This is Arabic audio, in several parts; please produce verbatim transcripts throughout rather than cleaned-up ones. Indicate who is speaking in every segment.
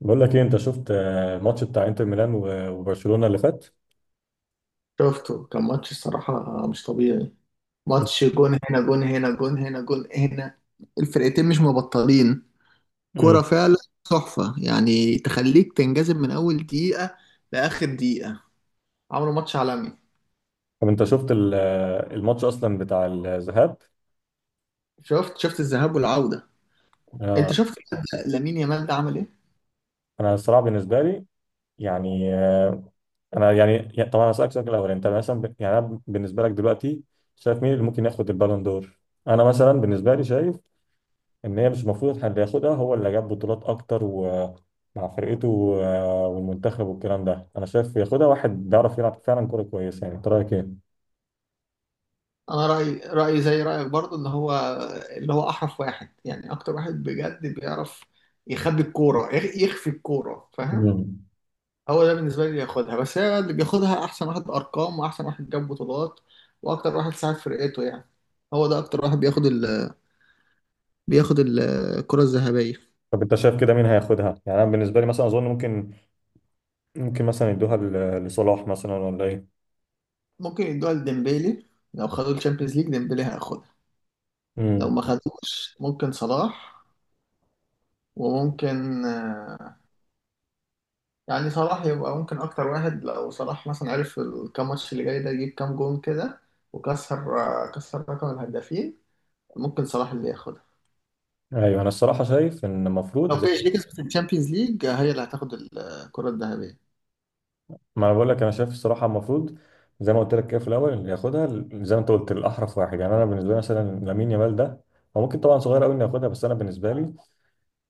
Speaker 1: بقول لك ايه، انت شفت آه، الماتش بتاع انتر ميلان و- وبرشلونة اللي فات؟
Speaker 2: شفته كان ماتش الصراحة مش طبيعي. ماتش جون هنا جون هنا جون هنا جون هنا. الفرقتين مش مبطلين.
Speaker 1: مم.
Speaker 2: كرة فعلا تحفة، يعني تخليك تنجذب من أول دقيقة لآخر دقيقة. عملوا ماتش عالمي.
Speaker 1: طب انت شفت ال- آه، الماتش اصلا بتاع الذهاب؟
Speaker 2: شفت شفت الذهاب والعودة. أنت
Speaker 1: آه،
Speaker 2: شفت لامين يامال ده عمل إيه؟
Speaker 1: انا الصراحة بالنسبة لي، يعني آه، انا يعني يعني- طبعا هسألك سؤال. الاول انت مثلا ب- يعني أنا بالنسبة لك دلوقتي شايف مين اللي ممكن ياخد البالون دور؟ انا مثلا بالنسبة لي شايف ان هي مش المفروض اللي ياخدها هو اللي جاب بطولات اكتر ومع فرقته و- آه، والمنتخب والكلام ده. انا شايف ياخدها واحد بيعرف يلعب فعلا كورة كويسة. يعني انت رأيك ايه؟
Speaker 2: أنا رأيي رأيي زي رأيك برضه، إن هو اللي هو أحرف واحد، يعني أكتر واحد بجد بيعرف يخبي الكورة، يخ- يخفي الكورة، فاهم؟
Speaker 1: مم.
Speaker 2: هو ده بالنسبة لي اللي ياخدها، بس هي اللي بياخدها أحسن واحد أرقام، وأحسن واحد جاب بطولات، وأكتر واحد ساعد فرقته يعني. هو ده أكتر واحد بياخد ال بياخد ال- الكرة الذهبية.
Speaker 1: طب انت شايف كده مين هياخدها؟ يعني انا بالنسبه لي مثلا اظن ممكن ممكن مثلا يدوها ل- لصلاح مثلا، ولا ايه؟
Speaker 2: ممكن يدوها لديمبيلي. لو خدوا الشامبيونز ليج ديمبيلي هياخدها. لو
Speaker 1: امم.
Speaker 2: ما خدوش ممكن صلاح، وممكن آه، يعني صلاح يبقى ممكن أكتر واحد، لو صلاح مثلا عرف الكام ماتش اللي جاي ده يجيب كام جون كده وكسر، آه، كسر رقم الهدافين، ممكن صلاح اللي ياخدها.
Speaker 1: ايوه، انا الصراحه شايف ان
Speaker 2: لو
Speaker 1: المفروض، زي
Speaker 2: بي اس جي كسبت الشامبيونز ليج هي اللي هتاخد الكرة الذهبية.
Speaker 1: ما انا بقول لك، انا شايف الصراحه المفروض زي ما قلت لك كده في الاول، اللي ياخدها، ال- زي ما انت قلت، الاحرف واحد. يعني انا بالنسبه لي مثلا لامين يامال ده، هو ممكن طبعا صغير قوي انه ياخدها، بس انا بالنسبه لي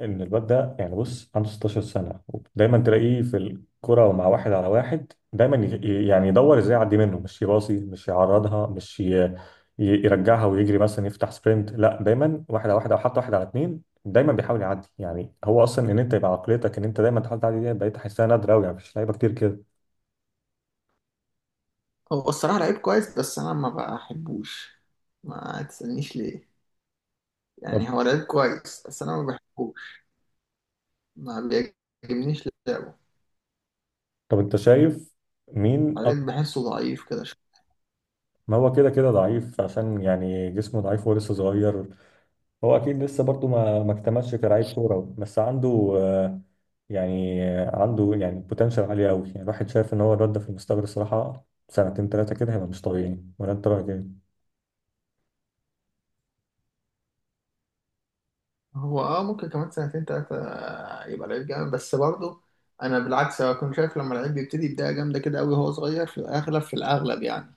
Speaker 1: ان الواد ده، يعني بص، عنده ستاشر سنه، ودايما تلاقيه في الكره، ومع واحد على واحد دايما ي- يعني يدور ازاي يعدي منه، مش يباصي، مش يعرضها، مش ي- ي- يرجعها ويجري مثلا يفتح سبرنت. لا، دايما واحد على واحد او حتى واحد على اتنين، دايما بيحاول يعدي. يعني هو اصلا، ان انت يبقى عقليتك ان انت دايما تحاول تعدي، دي بقيت احسها نادره قوي. يعني مفيش لعيبه كتير كده.
Speaker 2: هو الصراحة لعيب كويس بس أنا ما بحبوش، ما تسألنيش ليه،
Speaker 1: طب
Speaker 2: يعني هو لعيب كويس بس أنا ما بحبوش، ما بيعجبنيش لعبه.
Speaker 1: طب انت شايف مين أك...
Speaker 2: بعدين بحسه ضعيف كده شوية.
Speaker 1: ما هو كده كده ضعيف، عشان يعني جسمه ضعيف ولسه صغير. هو اكيد لسه برضه ما ما اكتملش كلاعب كوره، بس عنده آه، يعني آه، عنده يعني بوتنشال عالي قوي. يعني الواحد شايف ان هو الواد ده في المستقبل الصراحه، سنتين ثلاثه كده، هيبقى مش طبيعي. ولا انت رايك ايه؟
Speaker 2: هو اه، ممكن كمان سنتين تلاتة يبقى لعيب جامد، بس برضه أنا بالعكس، أنا كنت شايف لما لعيب بيبتدي بداية جامدة كده أوي وهو صغير، في الأغلب في الأغلب يعني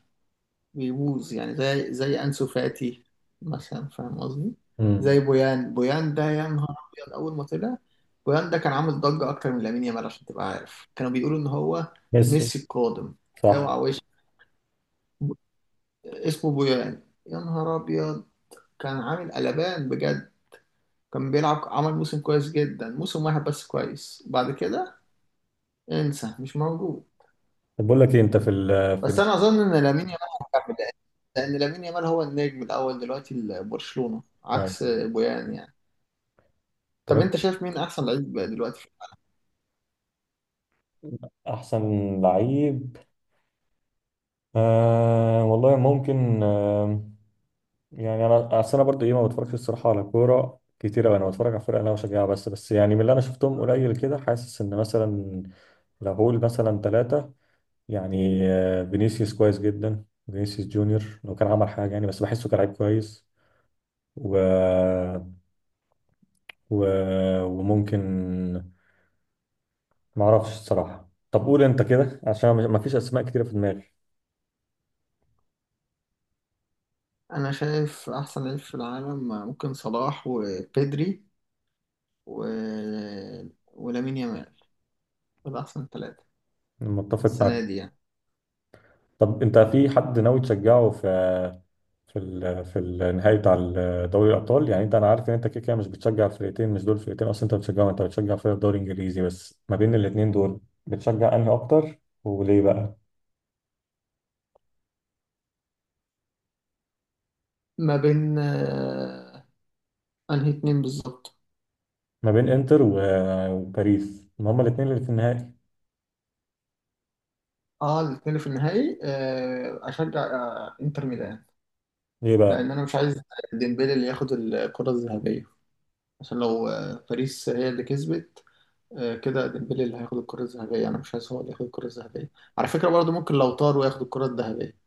Speaker 2: بيبوظ، يعني زي زي أنسو فاتي مثلا، فاهم قصدي؟ زي
Speaker 1: امم.
Speaker 2: بويان. بويان ده يا نهار أبيض أول ما طلع. بويان ده كان عامل ضجة أكتر من لامين يامال، عشان تبقى عارف كانوا بيقولوا إن هو
Speaker 1: ميسي.
Speaker 2: ميسي القادم.
Speaker 1: صح.
Speaker 2: اوعى وش اسمه، بويان، يا نهار أبيض. كان عامل قلبان بجد، كان بيلعب، عمل موسم كويس جدا، موسم واحد بس كويس، بعد كده انسى، مش موجود.
Speaker 1: طب بقول لك ايه، انت في ال في
Speaker 2: بس
Speaker 1: ال
Speaker 2: أنا أظن إن لامين يامال هيكمل، لأن لأن لامين يامال هو النجم الأول دلوقتي لبرشلونة، عكس بويان يعني.
Speaker 1: طب
Speaker 2: طب
Speaker 1: انت
Speaker 2: انت شايف مين احسن لعيب بقى دلوقتي؟
Speaker 1: احسن لعيب؟ آه، والله ممكن آه يعني انا، أصل انا برضو، ايه، ما بتفرجش الصراحه على كوره كتير أوي. انا بتفرج على فرق انا بشجعها. بس بس يعني من اللي انا شفتهم قليل كده، حاسس ان مثلا، لو هقول مثلا ثلاثة، يعني آه، فينيسيوس كويس جدا. فينيسيوس جونيور، لو كان عمل حاجة يعني، بس بحسه كلاعب كويس. و... و... وممكن، ما اعرفش الصراحة. طب قول انت كده عشان ما فيش اسماء كتيرة في دماغي.
Speaker 2: انا شايف احسن لعيب في العالم ممكن صلاح وبيدري و... ولامين يامال، دول احسن ثلاثة
Speaker 1: متفق
Speaker 2: السنة
Speaker 1: معاك.
Speaker 2: دي يعني.
Speaker 1: طب انت في حد ناوي تشجعه؟ في في ال... في النهائي بتاع ال- دوري الابطال؟ يعني، انت انا عارف ان انت كده كده مش بتشجع فرقتين، مش دول فرقتين اصلا انت بتشجعهم، انت بتشجع فرق الدوري الانجليزي. بس ما بين الاتنين دول بتشجع انهي اكتر؟ وليه بقى؟
Speaker 2: ما بين آه، انهي اتنين بالظبط؟
Speaker 1: ما بين انتر و- وباريس؟ ما هما الاثنين اللي في النهائي.
Speaker 2: اه، الاتنين اللي في النهائي، آه، اشجع آه، انتر ميلان.
Speaker 1: ليه بقى؟
Speaker 2: لان انا مش عايز ديمبلي اللي ياخد الكرة الذهبية، عشان لو آه، باريس هي اللي كسبت، آه، كده ديمبلي اللي هياخد الكرة الذهبية، انا مش عايز هو اللي ياخد الكرة الذهبية. على فكرة برضه ممكن لو طار وياخد الكرة الذهبية.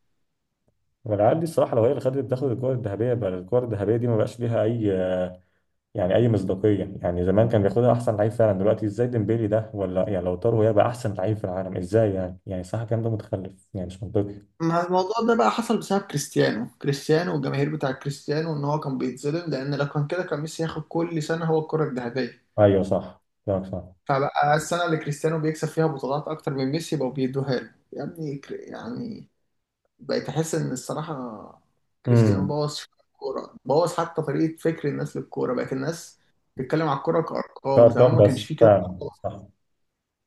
Speaker 1: والعيال دي الصراحه لو هي اللي خدت، تاخد الكره الذهبيه؟ بقى الكره الذهبيه دي ما بقاش ليها اي، يعني، اي مصداقيه. يعني زمان كان بياخدها احسن لعيب فعلا، دلوقتي ازاي ديمبيلي ده، ولا يعني لو طاروا، هيبقى احسن لعيب في العالم؟ ازاي يعني؟ يعني صح، الكلام ده متخلف يعني، مش منطقي.
Speaker 2: ما الموضوع ده بقى حصل بسبب كريستيانو كريستيانو والجماهير بتاع كريستيانو، ان هو كان بيتظلم، لان لو كان كده كان ميسي ياخد كل سنه هو الكره الذهبيه.
Speaker 1: ايوه صح كلامك صح.
Speaker 2: فبقى السنه اللي كريستيانو بيكسب فيها بطولات اكتر من ميسي بقوا بيدوها له، يا ابني كر- يعني بقيت احس ان الصراحه كريستيانو
Speaker 1: امم.
Speaker 2: بوظ الكوره، بوظ حتى طريقه فكر الناس للكوره، بقت الناس تتكلم على الكوره كارقام، زمان
Speaker 1: كارقام،
Speaker 2: ما كانش
Speaker 1: بس
Speaker 2: فيه كده
Speaker 1: فعلا صح.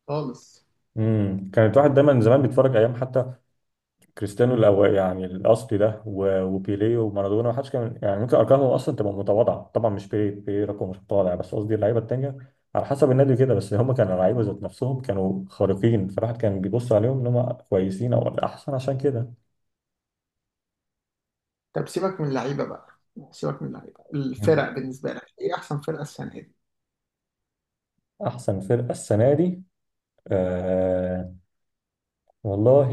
Speaker 2: خالص.
Speaker 1: امم كانت واحد دايما زمان بيتفرج ايام حتى كريستيانو الأو... يعني الاصلي ده، و... وبيليه ومارادونا. ما حدش كان يعني، ممكن ارقامهم اصلا تبقى متواضعه. طبعا مش بيليه، بيليه رقم مش متواضع، بس قصدي اللعيبه التانيه، على حسب النادي كده. بس هم كانوا لعيبه ذات نفسهم، كانوا خارقين، فالواحد كان بيبص عليهم ان هم كويسين او احسن عشان كده.
Speaker 2: طب سيبك من اللعيبه بقى، سيبك من اللعيبه،
Speaker 1: مم.
Speaker 2: الفرق بالنسبه لك ايه، احسن فرقه السنه دي؟
Speaker 1: احسن فرقه السنه دي؟ آه... والله،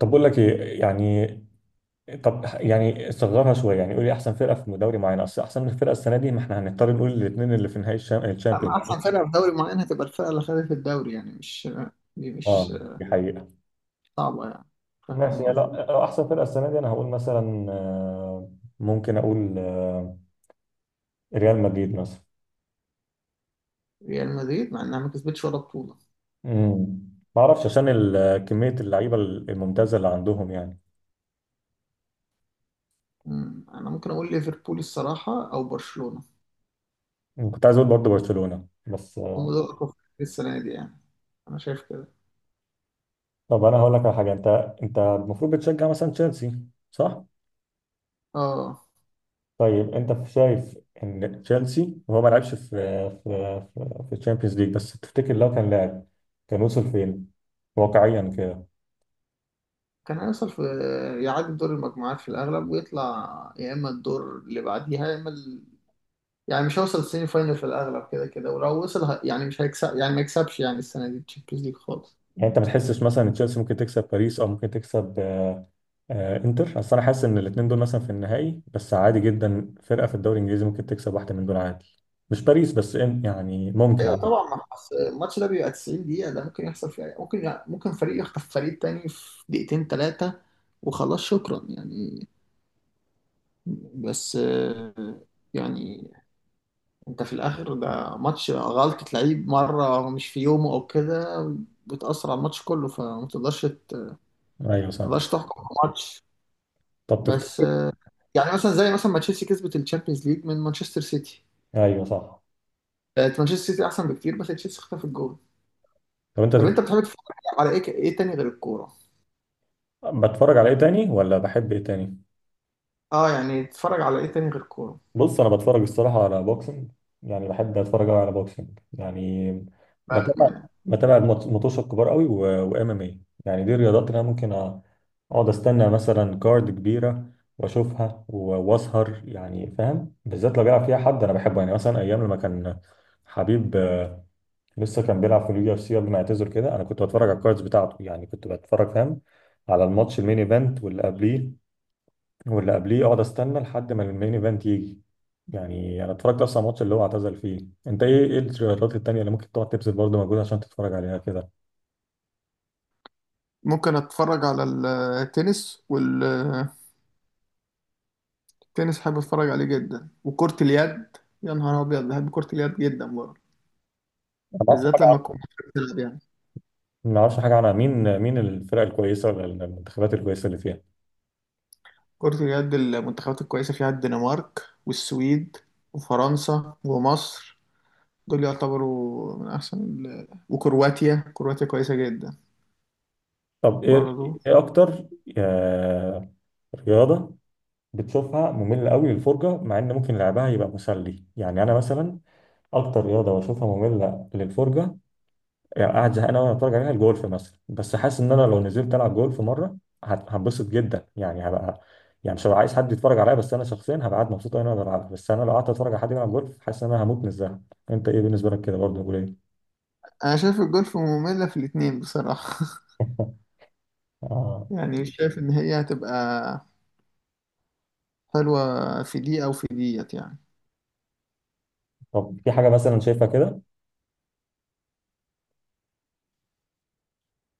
Speaker 1: طب بقول لك ايه يعني، طب يعني صغرها شويه، يعني قولي احسن فرقه في دوري معين، اصل احسن فرقه السنه دي، ما احنا هنضطر نقول الاثنين اللي في نهائي الشام- الشامبيونز
Speaker 2: أما أحسن
Speaker 1: يعني.
Speaker 2: فرقة في دوري معين، هتبقى الفرقة اللي خدت الدوري يعني، مش دي
Speaker 1: اه
Speaker 2: مش
Speaker 1: دي حقيقه.
Speaker 2: صعبة يعني،
Speaker 1: ماشي،
Speaker 2: فاهم
Speaker 1: يعني
Speaker 2: قصدي؟
Speaker 1: لا، لو احسن فرقه السنه دي انا هقول مثلا، آه، ممكن اقول آه، ريال مدريد مثلا.
Speaker 2: ريال مدريد مع إنها ما كسبتش ولا بطولة.
Speaker 1: امم. ما اعرفش، عشان ال- كميه اللعيبه الممتازه اللي عندهم يعني.
Speaker 2: أمم، أنا ممكن أقول ليفربول الصراحة أو برشلونة،
Speaker 1: أمم، كنت عايز اقول برضه برشلونه، بس
Speaker 2: هم
Speaker 1: آه،
Speaker 2: دول أقوى فرقتين السنة دي يعني، أنا شايف كده.
Speaker 1: طب انا هقول لك على حاجه. انت انت المفروض بتشجع مثلا تشيلسي، صح؟
Speaker 2: آه،
Speaker 1: طيب انت شايف ان تشيلسي، وهو ما لعبش في في في في الشامبيونز ليج، بس تفتكر لو كان لاعب كان وصل فين واقعيا كده؟
Speaker 2: كان هيوصل في، يعدي دور المجموعات في الأغلب، ويطلع يا إما الدور اللي بعديها يا إما ال... يعني مش هيوصل السيمي فاينل في الأغلب كده كده، ولو وصل ه... يعني مش هيكسب، يعني ما يكسبش يعني السنة دي الشامبيونز ليج خالص.
Speaker 1: يعني انت ما تحسش مثلا ان تشيلسي ممكن تكسب باريس، او ممكن تكسب آه، انتر؟ اصل انا حاسس ان الاثنين دول مثلا في النهائي، بس عادي جدا فرقه في الدوري الانجليزي ممكن تكسب واحده من دول عادي. مش باريس بس، إن- يعني ممكن
Speaker 2: ايوه
Speaker 1: عادي.
Speaker 2: طبعا، ما حص- الماتش ده بيبقى 90 دقيقة، ده ممكن يحصل فيها، ممكن ممكن فريق يخطف فريق تاني في دقيقتين تلاتة، وخلاص شكرا يعني. بس آه، يعني انت في الاخر ده ماتش، غلطة لعيب مرة مش في يومه او كده بتأثر على الماتش كله، فما تقدرش ت- ما
Speaker 1: ايوه صح.
Speaker 2: تقدرش تحكم على الماتش.
Speaker 1: طب
Speaker 2: بس
Speaker 1: تفتكر.
Speaker 2: آه، يعني مثلا، زي مثلا ما تشيلسي كسبت الشامبيونز ليج من مانشستر سيتي،
Speaker 1: ايوه صح.
Speaker 2: آه، مانشستر سيتي احسن بكتير بس تشيلسي خطف الجول.
Speaker 1: طب انت
Speaker 2: طب انت
Speaker 1: تفتكر،
Speaker 2: بتحب تتفرج على ايه، ايه تاني غير الكورة؟
Speaker 1: بتفرج على ايه تاني، ولا بحب ايه تاني؟
Speaker 2: اه يعني اتفرج على ايه تاني غير كورة؟
Speaker 1: بص انا بتفرج الصراحه على بوكسنج. يعني بحب اتفرج أوي على بوكسنج، يعني
Speaker 2: معاك
Speaker 1: بتابع،
Speaker 2: معايا.
Speaker 1: بتابع المط- المطوشه الكبار قوي، وام ام اي. يعني دي الرياضات اللي انا ممكن أ- اقعد استنى مثلا كارد كبيره واشوفها و- واسهر. يعني فاهم، بالذات لو بيلعب فيها حد انا بحبه. يعني مثلا ايام لما كان حبيب آه، لسه كان بيلعب في اليو اف سي قبل ما يعتزل كده، انا كنت بتفرج على الكاردز بتاعته. يعني كنت بتفرج، فاهم، على الماتش المين ايفنت واللي قبليه واللي قبليه، اقعد استنى لحد ما المين ايفنت يجي. يعني انا اتفرجت اصلا على الماتش اللي هو اعتزل فيه. انت ايه ايه الرياضات التانية اللي ممكن تقعد تبذل برضه مجهود عشان تتفرج عليها كده؟
Speaker 2: ممكن اتفرج على التنس، والتنس حابب اتفرج عليه جدا، وكرة اليد، يا نهار ابيض بحب كرة اليد جدا برضه،
Speaker 1: أنا ما اعرفش
Speaker 2: بالذات
Speaker 1: حاجه.
Speaker 2: لما تكون مصر بتلعب يعني.
Speaker 1: ما اعرفش حاجه عنها، مين مين الفرق الكويسه ولا المنتخبات الكويسه اللي فيها.
Speaker 2: كرة اليد المنتخبات الكويسة فيها الدنمارك والسويد وفرنسا ومصر، دول يعتبروا من احسن ال... وكرواتيا، كرواتيا كويسة جدا
Speaker 1: طب ايه،
Speaker 2: برضه.
Speaker 1: ايه اكتر آه، رياضه بتشوفها ممله قوي للفرجه، مع ان ممكن لعبها يبقى مسلي؟ يعني انا مثلا، اكتر رياضه بشوفها ممله للفرجه، يعني قاعد زهقان أوي وأنا بتفرج عليها، الجولف مثلا. بس حاسس إن أنا لو نزلت ألعب جولف مرة، هت- هتبسط جدا. يعني هبقى، يعني مش هبقى عايز حد يتفرج عليا، بس أنا شخصيا هبقى قاعد مبسوط أوي إن أنا بلعب. بس أنا لو قعدت أتفرج على حد بيلعب جولف، حاسس إن أنا هموت من الزهق. أنت إيه بالنسبة لك كده برضه، قول إيه؟
Speaker 2: انا شايف الجولف مملة في الاتنين بصراحة،
Speaker 1: آه.
Speaker 2: يعني مش شايف ان هي هتبقى حلوة في دي أو في ديت يعني.
Speaker 1: طب في حاجة مثلا شايفها كده؟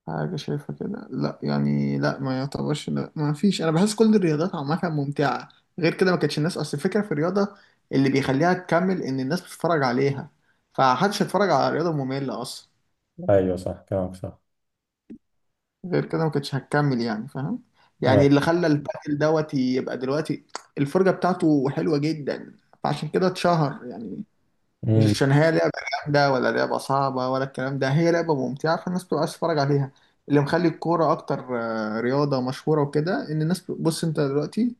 Speaker 2: حاجة شايفها كده؟ لا يعني، لا ما يعتبرش، لا ما فيش، أنا بحس كل الرياضات عامة ممتعة، غير كده ما كانتش الناس، أصل الفكرة في الرياضة اللي بيخليها تكمل إن الناس بتتفرج عليها، فمحدش هيتفرج على رياضة مملة أصلا،
Speaker 1: أيوه صح كلامك صح.
Speaker 2: غير كده ما كانتش هتكمل يعني، فاهم؟ يعني
Speaker 1: أيوه.
Speaker 2: اللي خلى البادل دوت يبقى دلوقتي، الفرجة بتاعته حلوة جدا، فعشان كده اتشهر يعني، مش
Speaker 1: أمم.
Speaker 2: عشان هي لعبة جامدة ولا لعبة صعبة ولا الكلام ده، هي لعبة ممتعة فالناس بتبقى عايز تتفرج عليها. اللي مخلي الكورة أكتر آه، رياضة مشهورة وكده، إن الناس، بص أنت دلوقتي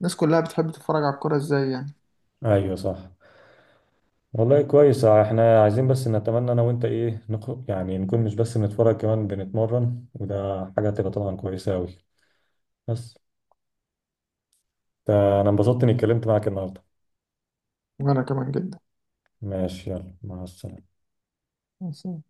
Speaker 2: الناس كلها بتحب تتفرج على الكورة إزاي يعني.
Speaker 1: أيوه صح. والله كويس، احنا عايزين بس نتمنى انا وانت، ايه، نخ... يعني نكون مش بس بنتفرج، كمان بنتمرن، وده حاجة هتبقى طبعا كويسة اوي. بس انا انبسطت اني اتكلمت معاك النهارده.
Speaker 2: وأنا كمان جدا،
Speaker 1: ماشي، يلا، مع السلامه.
Speaker 2: بس.